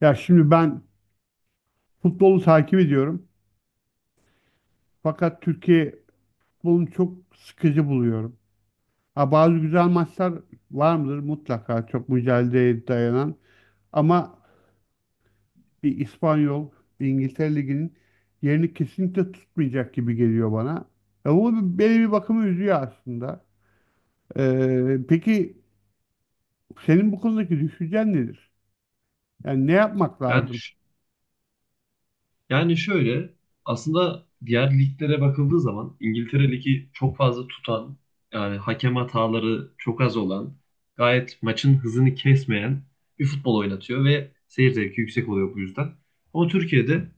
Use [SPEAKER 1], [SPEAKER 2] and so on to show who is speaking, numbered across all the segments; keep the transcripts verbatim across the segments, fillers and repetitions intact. [SPEAKER 1] Ya şimdi ben futbolu takip ediyorum. Fakat Türkiye futbolunu çok sıkıcı buluyorum. Ha, bazı güzel maçlar var mıdır? Mutlaka çok mücadeleye dayanan. Ama bir İspanyol, bir İngiltere Ligi'nin yerini kesinlikle tutmayacak gibi geliyor bana. Ya, bu beni bir bakıma üzüyor aslında. Ee, peki senin bu konudaki düşüncen nedir? Yani ne yapmak
[SPEAKER 2] Yani,
[SPEAKER 1] lazım?
[SPEAKER 2] ş- yani şöyle, aslında diğer liglere bakıldığı zaman İngiltere Ligi çok fazla tutan, yani hakem hataları çok az olan, gayet maçın hızını kesmeyen bir futbol oynatıyor ve seyir zevki yüksek oluyor bu yüzden. Ama Türkiye'de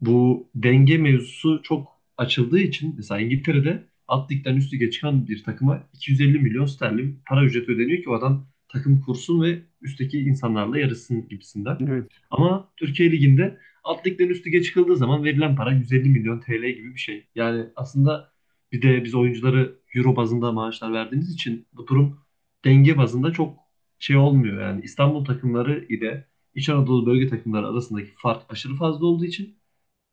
[SPEAKER 2] bu denge mevzusu çok açıldığı için mesela İngiltere'de alt ligden üst lige çıkan bir takıma iki yüz elli milyon sterlin para ücreti ödeniyor ki o adam takım kursun ve üstteki insanlarla yarışsın gibisinden.
[SPEAKER 1] Evet.
[SPEAKER 2] Ama Türkiye Ligi'nde alt ligden üst lige çıkıldığı zaman verilen para yüz elli milyon T L gibi bir şey. Yani aslında bir de biz oyuncuları euro bazında maaşlar verdiğimiz için bu durum denge bazında çok şey olmuyor. Yani İstanbul takımları ile İç Anadolu bölge takımları arasındaki fark aşırı fazla olduğu için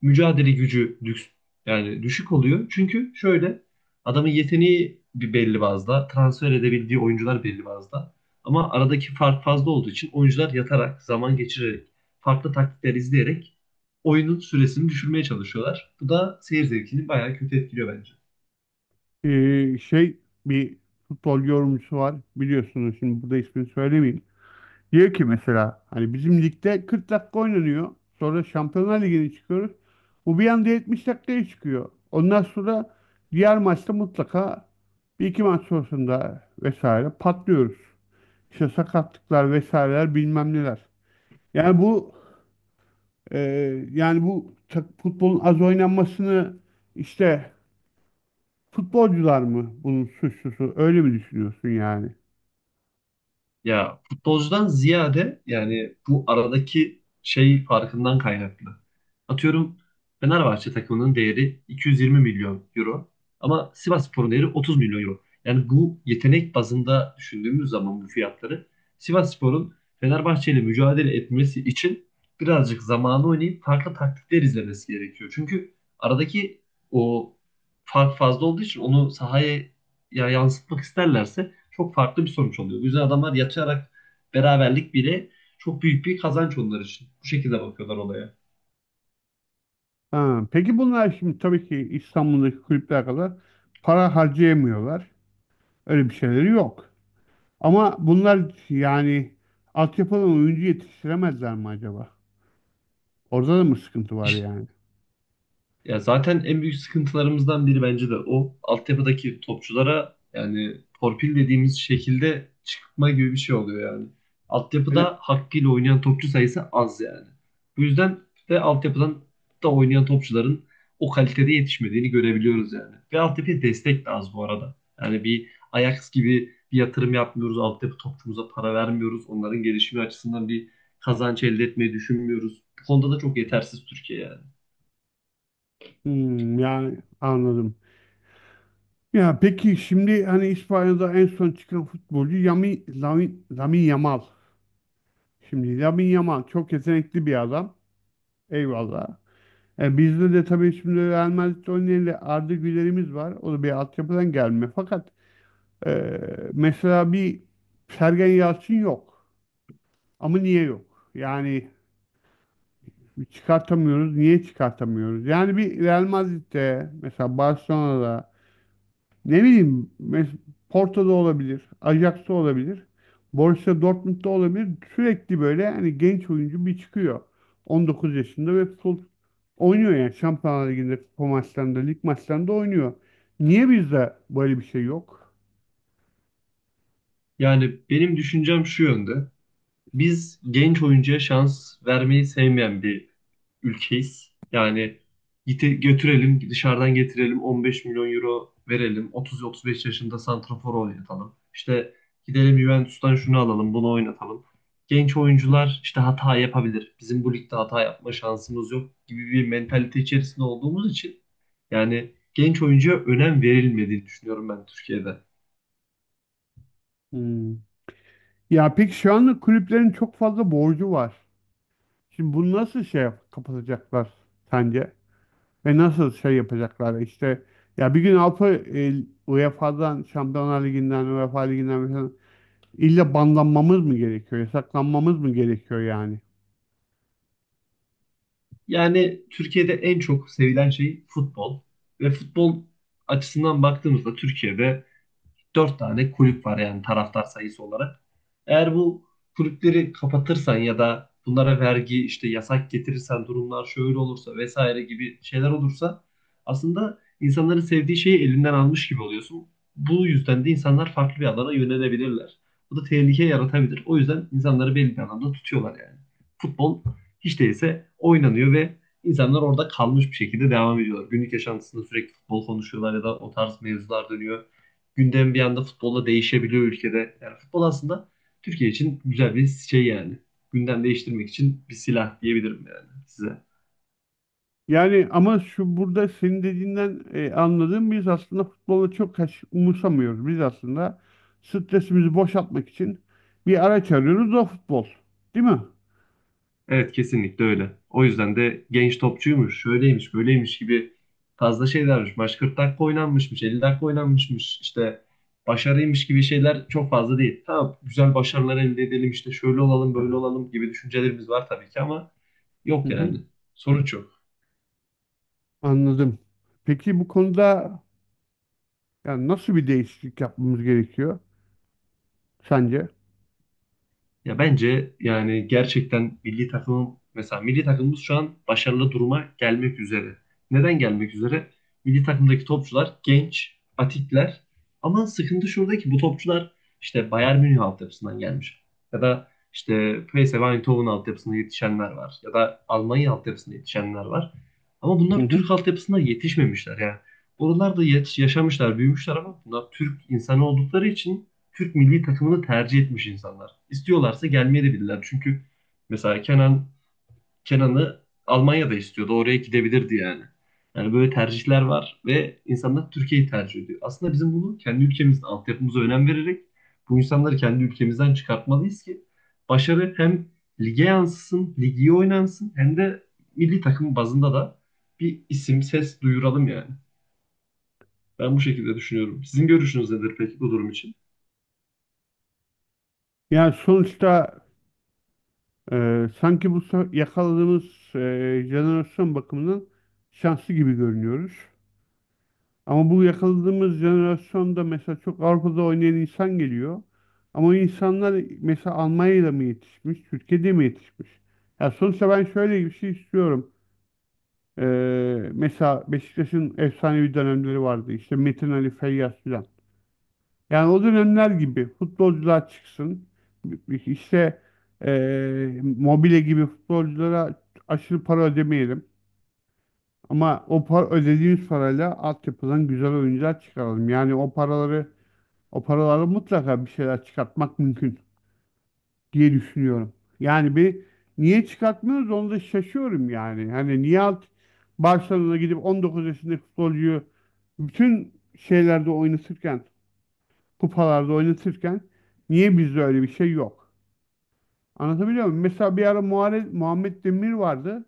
[SPEAKER 2] mücadele gücü lüks, yani düşük oluyor. Çünkü şöyle, adamın yeteneği bir belli bazda, transfer edebildiği oyuncular belli bazda. Ama aradaki fark fazla olduğu için oyuncular yatarak, zaman geçirerek, farklı taktikler izleyerek oyunun süresini düşürmeye çalışıyorlar. Bu da seyir zevkini bayağı kötü etkiliyor bence.
[SPEAKER 1] Ee, şey bir futbol yorumcusu var, biliyorsunuz, şimdi burada ismini söylemeyeyim. Diyor ki mesela hani bizim ligde kırk dakika oynanıyor. Sonra Şampiyonlar Ligi'ne çıkıyoruz. Bu bir anda yetmiş dakikaya çıkıyor. Ondan sonra diğer maçta mutlaka bir iki maç sonrasında vesaire patlıyoruz. İşte sakatlıklar, vesaireler, bilmem neler. Yani bu e, yani bu tak- futbolun az oynanmasını, işte, futbolcular mı bunun suçlusu, öyle mi düşünüyorsun yani?
[SPEAKER 2] Ya futbolcudan ziyade yani bu aradaki şey farkından kaynaklı. Atıyorum Fenerbahçe takımının değeri iki yüz yirmi milyon euro ama Sivasspor'un değeri otuz milyon euro. Yani bu yetenek bazında düşündüğümüz zaman bu fiyatları Sivasspor'un Fenerbahçe ile mücadele etmesi için birazcık zamanı oynayıp farklı taktikler izlemesi gerekiyor. Çünkü aradaki o fark fazla olduğu için onu sahaya ya yansıtmak isterlerse çok farklı bir sonuç oluyor. O yüzden adamlar yatarak beraberlik bile çok büyük bir kazanç onlar için. Bu şekilde bakıyorlar olaya.
[SPEAKER 1] Ha, peki bunlar şimdi tabii ki İstanbul'daki kulüpler kadar para harcayamıyorlar. Öyle bir şeyleri yok. Ama bunlar yani altyapıdan oyuncu yetiştiremezler mi acaba? Orada da mı sıkıntı var
[SPEAKER 2] İşte,
[SPEAKER 1] yani?
[SPEAKER 2] ya zaten en büyük sıkıntılarımızdan biri bence de o. Altyapıdaki topçulara yani torpil dediğimiz şekilde çıkma gibi bir şey oluyor yani.
[SPEAKER 1] Öyle-
[SPEAKER 2] Altyapıda hakkıyla oynayan topçu sayısı az yani. Bu yüzden de altyapıdan da oynayan topçuların o kalitede yetişmediğini görebiliyoruz yani. Ve altyapıya destek de az bu arada. Yani bir Ajax gibi bir yatırım yapmıyoruz. Altyapı topçumuza para vermiyoruz. Onların gelişimi açısından bir kazanç elde etmeyi düşünmüyoruz. Bu konuda da çok yetersiz Türkiye yani.
[SPEAKER 1] Hmm, yani anladım. Ya peki şimdi hani İspanya'da en son çıkan futbolcu Yami, Lamin, Lamin Yamal. Şimdi Lamin Yamal çok yetenekli bir adam. Eyvallah. E, bizde de tabii şimdi Real Madrid'de oynayan Arda Güler'imiz var. O da bir altyapıdan gelme. Fakat Ee, mesela bir Sergen Yalçın yok. Ama niye yok? Yani çıkartamıyoruz. Niye çıkartamıyoruz? Yani bir Real Madrid'de, mesela Barcelona'da, ne bileyim, mes- Porto'da olabilir, Ajax'ta olabilir, Borussia Dortmund'da olabilir. Sürekli böyle hani genç oyuncu bir çıkıyor. on dokuz yaşında ve full oynuyor yani. Şampiyonlar Ligi'nde, kupa maçlarında, lig maçlarında oynuyor. Niye bizde böyle bir şey yok?
[SPEAKER 2] Yani benim düşüncem şu yönde. Biz genç oyuncuya şans vermeyi sevmeyen bir ülkeyiz. Yani gite, götürelim, dışarıdan getirelim, on beş milyon euro verelim, otuz ila otuz beş yaşında santrafor oynatalım. İşte gidelim Juventus'tan şunu alalım, bunu oynatalım. Genç
[SPEAKER 1] Hı hı.
[SPEAKER 2] oyuncular işte hata yapabilir. Bizim bu ligde hata yapma şansımız yok gibi bir mentalite içerisinde olduğumuz için yani genç oyuncuya önem verilmediğini düşünüyorum ben Türkiye'de.
[SPEAKER 1] Hmm. Ya peki şu anda kulüplerin çok fazla borcu var. Şimdi bunu nasıl şey yap- kapatacaklar sence? Ve nasıl şey yapacaklar işte, ya bir gün Avrupa, e, UEFA'dan, Şampiyonlar Ligi'nden, UEFA Ligi'nden mesela illa banlanmamız mı gerekiyor? Yasaklanmamız mı gerekiyor yani?
[SPEAKER 2] Yani Türkiye'de en çok sevilen şey futbol. Ve futbol açısından baktığımızda Türkiye'de dört tane kulüp var yani taraftar sayısı olarak. Eğer bu kulüpleri kapatırsan ya da bunlara vergi işte yasak getirirsen durumlar şöyle olursa vesaire gibi şeyler olursa aslında insanların sevdiği şeyi elinden almış gibi oluyorsun. Bu yüzden de insanlar farklı bir alana yönelebilirler. Bu da tehlike yaratabilir. O yüzden insanları belli bir alanda tutuyorlar yani. Futbol hiç değilse oynanıyor ve insanlar orada kalmış bir şekilde devam ediyorlar. Günlük yaşantısında sürekli futbol konuşuyorlar ya da o tarz mevzular dönüyor, gündem bir anda futbolla değişebiliyor ülkede. Yani futbol aslında Türkiye için güzel bir şey yani. Gündem değiştirmek için bir silah diyebilirim yani size.
[SPEAKER 1] Yani ama şu, burada senin dediğinden e, anladığım, biz aslında futbolu çok kaç- umursamıyoruz. Biz aslında stresimizi boşaltmak için bir araç arıyoruz, o futbol. Değil mi?
[SPEAKER 2] Evet, kesinlikle öyle. O yüzden de genç topçuymuş, şöyleymiş, böyleymiş gibi fazla şeylermiş. Maç kırk dakika oynanmışmış, elli dakika oynanmışmış. İşte başarıymış gibi şeyler çok fazla değil. Tamam, güzel başarılar elde edelim, işte şöyle olalım, böyle olalım gibi düşüncelerimiz var tabii ki ama
[SPEAKER 1] Hı
[SPEAKER 2] yok
[SPEAKER 1] hı.
[SPEAKER 2] yani. Sonuç yok.
[SPEAKER 1] Anladım. Peki bu konuda yani nasıl bir değişiklik yapmamız gerekiyor sence?
[SPEAKER 2] Ya bence yani gerçekten milli takımın mesela milli takımımız şu an başarılı duruma gelmek üzere. Neden gelmek üzere? Milli takımdaki topçular genç, atikler ama sıkıntı şurada ki bu topçular işte Bayern Münih altyapısından gelmiş. Ya da işte P S V Eindhoven altyapısında yetişenler var. Ya da Almanya altyapısında yetişenler var. Ama bunlar
[SPEAKER 1] Hı.
[SPEAKER 2] Türk altyapısında yetişmemişler yani. Oralarda yet- yaşamışlar, büyümüşler ama bunlar Türk insanı oldukları için Türk milli takımını tercih etmiş insanlar. İstiyorlarsa gelmeye de bilirler. Çünkü mesela Kenan Kenan'ı Almanya'da istiyordu. Oraya gidebilirdi yani. Yani böyle tercihler var ve insanlar Türkiye'yi tercih ediyor. Aslında bizim bunu kendi ülkemizde altyapımıza önem vererek bu insanları kendi ülkemizden çıkartmalıyız ki başarı hem lige yansısın, ligi iyi oynansın hem de milli takım bazında da bir isim, ses duyuralım yani. Ben bu şekilde düşünüyorum. Sizin görüşünüz nedir peki bu durum için?
[SPEAKER 1] Yani sonuçta e, sanki bu so- yakaladığımız e, jenerasyon bakımından şanslı gibi görünüyoruz. Ama bu yakaladığımız jenerasyonda mesela çok Avrupa'da oynayan insan geliyor. Ama o insanlar mesela Almanya'da mı yetişmiş, Türkiye'de mi yetişmiş? Ya sonuçta ben şöyle bir şey istiyorum. E, mesela Beşiktaş'ın efsanevi dönemleri vardı. İşte Metin Ali Feyyaz filan. Yani o dönemler gibi futbolcular çıksın. İşte eee Mobile gibi futbolculara aşırı para ödemeyelim. Ama o para, ödediğimiz parayla altyapıdan güzel oyuncular çıkaralım. Yani o paraları o paraları mutlaka bir şeyler çıkartmak mümkün diye düşünüyorum. Yani bir, niye çıkartmıyoruz, onu da şaşıyorum yani. Hani niye alt Barcelona'ya gidip on dokuz yaşındaki futbolcuyu bütün şeylerde oynatırken, kupalarda oynatırken, niye bizde öyle bir şey yok? Anlatabiliyor muyum? Mesela bir ara Muharrem, Muhammed Demir vardı.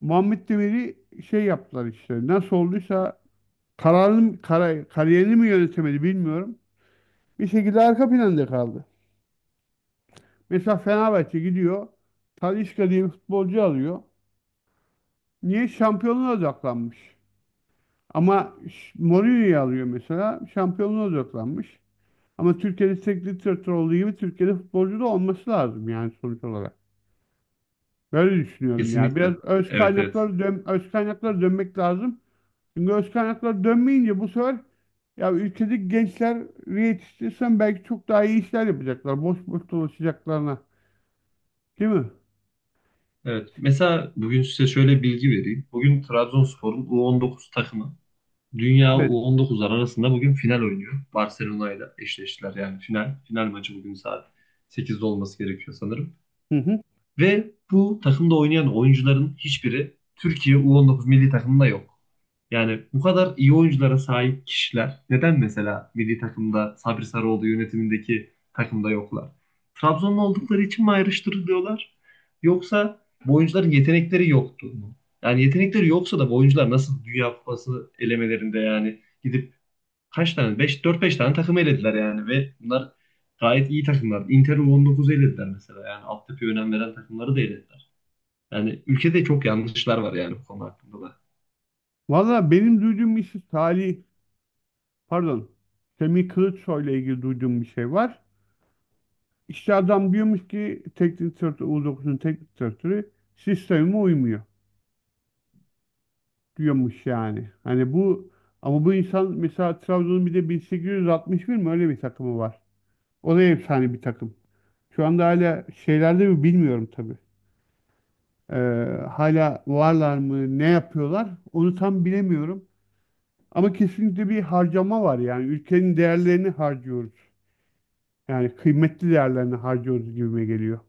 [SPEAKER 1] Muhammed Demir'i şey yaptılar işte. Nasıl olduysa kararını, kara- kariyerini mi yönetemedi bilmiyorum. Bir şekilde arka planda kaldı. Mesela Fenerbahçe gidiyor. Talisca diye bir futbolcu alıyor. Niye? Şampiyonluğa odaklanmış. Ama Ş- Mourinho'yu alıyor mesela. Şampiyonluğa odaklanmış. Ama Türkiye'de teknik direktör olduğu gibi Türkiye'de futbolcu da olması lazım yani, sonuç olarak. Böyle düşünüyorum ya. Biraz
[SPEAKER 2] Kesinlikle.
[SPEAKER 1] öz
[SPEAKER 2] Evet, evet.
[SPEAKER 1] kaynaklara dön öz kaynaklara dönmek lazım. Çünkü öz kaynaklara dönmeyince bu sefer, ya, ülkedeki gençleri yetiştirsen belki çok daha iyi işler yapacaklar. Boş boş dolaşacaklarına. Değil mi?
[SPEAKER 2] Evet. Mesela bugün size şöyle bilgi vereyim. Bugün Trabzonspor'un u on dokuz takımı Dünya
[SPEAKER 1] Evet.
[SPEAKER 2] u on dokuzlar arasında bugün final oynuyor. Barcelona ile eşleştiler yani final. Final maçı bugün saat sekizde olması gerekiyor sanırım.
[SPEAKER 1] Hı hı.
[SPEAKER 2] Ve bu takımda oynayan oyuncuların hiçbiri Türkiye u on dokuz milli takımında yok. Yani bu kadar iyi oyunculara sahip kişiler neden mesela milli takımda Sabri Sarıoğlu yönetimindeki takımda yoklar? Trabzonlu oldukları için mi ayrıştırılıyorlar? Yoksa bu oyuncuların yetenekleri yoktu mu? Yani yetenekleri yoksa da bu oyuncular nasıl Dünya Kupası elemelerinde yani gidip kaç tane? Beş, dört, beş tane takım elediler yani ve bunlar gayet iyi takımlar. Inter on dokuzu elediler mesela. Yani altyapıya önem veren takımları da elediler. Yani ülkede çok yanlışlar var yani bu konu hakkında da.
[SPEAKER 1] Valla benim duyduğum bir şey, Salih, pardon, Semih Kılıçsoy ile ilgili duyduğum bir şey var. İşte adam diyormuş ki teknik direktör, u dokuzun teknik direktörü sisteme uymuyor, diyormuş yani. Hani bu, ama bu insan mesela Trabzon'un bir de bin sekiz yüz altmış bir mi öyle bir takımı var. O da efsane bir takım. Şu anda hala şeylerde mi bilmiyorum tabii. Ee, hala varlar mı, ne yapıyorlar, onu tam bilemiyorum. Ama kesinlikle bir harcama var yani, ülkenin değerlerini harcıyoruz. Yani kıymetli değerlerini harcıyoruz gibime geliyor.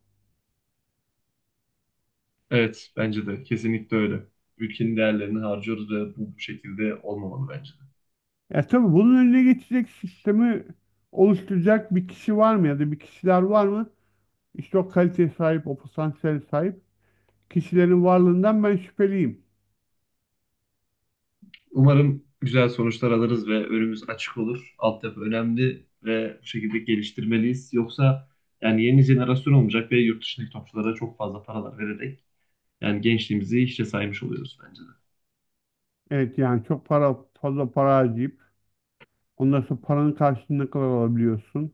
[SPEAKER 2] Evet, bence de kesinlikle öyle. Ülkenin değerlerini harcıyoruz ve bu, bu şekilde olmamalı bence de.
[SPEAKER 1] Ya tabii bunun önüne geçecek sistemi oluşturacak bir kişi var mı, ya da bir kişiler var mı? İşte o kaliteye sahip, o potansiyele sahip kişilerin varlığından ben şüpheliyim.
[SPEAKER 2] Umarım güzel sonuçlar alırız ve önümüz açık olur. Altyapı önemli ve bu şekilde geliştirmeliyiz. Yoksa yani yeni jenerasyon olmayacak ve yurt dışındaki topçulara çok fazla paralar vererek yani gençliğimizi hiçe saymış oluyoruz bence de.
[SPEAKER 1] Evet yani çok para, fazla para harcayıp ondan sonra paranın karşılığını ne kadar alabiliyorsun,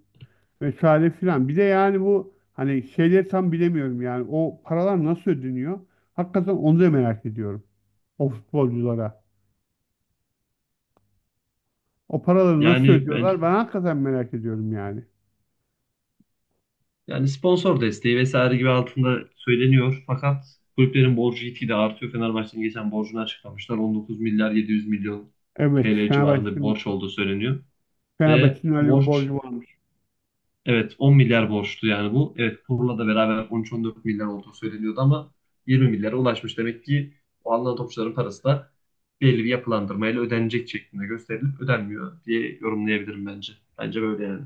[SPEAKER 1] vesaire filan. Bir de yani bu, hani şeyleri tam bilemiyorum yani, o paralar nasıl ödeniyor? Hakikaten onu da merak ediyorum. O futbolculara. O paraları nasıl
[SPEAKER 2] Yani ben
[SPEAKER 1] ödüyorlar? Ben hakikaten merak ediyorum yani.
[SPEAKER 2] yani sponsor desteği vesaire gibi altında söyleniyor. Fakat kulüplerin borcu gitgide artıyor. Fenerbahçe'nin geçen borcunu açıklamışlar. on dokuz milyar yedi yüz milyon
[SPEAKER 1] Evet,
[SPEAKER 2] T L civarında bir
[SPEAKER 1] Fenerbahçe'nin
[SPEAKER 2] borç olduğu söyleniyor. Ve
[SPEAKER 1] Fenerbahçe'nin öyle bir
[SPEAKER 2] borç,
[SPEAKER 1] borcu varmış.
[SPEAKER 2] evet, on milyar borçtu yani bu. Evet, kurla da beraber on üç on dört milyar olduğu söyleniyordu ama yirmi milyara ulaşmış. Demek ki o alınan topçuların parası da belli bir yapılandırmayla ödenecek şeklinde gösterilip ödenmiyor diye yorumlayabilirim bence. Bence böyle yani.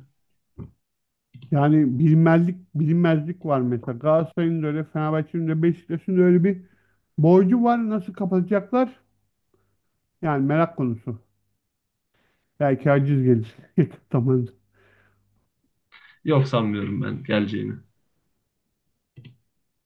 [SPEAKER 1] Yani bilinmezlik, bilinmezlik var mesela. Galatasaray'ın da öyle, Fenerbahçe'nin de, Beşiktaş'ın da öyle bir borcu var, nasıl kapatacaklar? Yani merak konusu. Belki aciz gelir. Yakın
[SPEAKER 2] Yok, sanmıyorum ben geleceğini.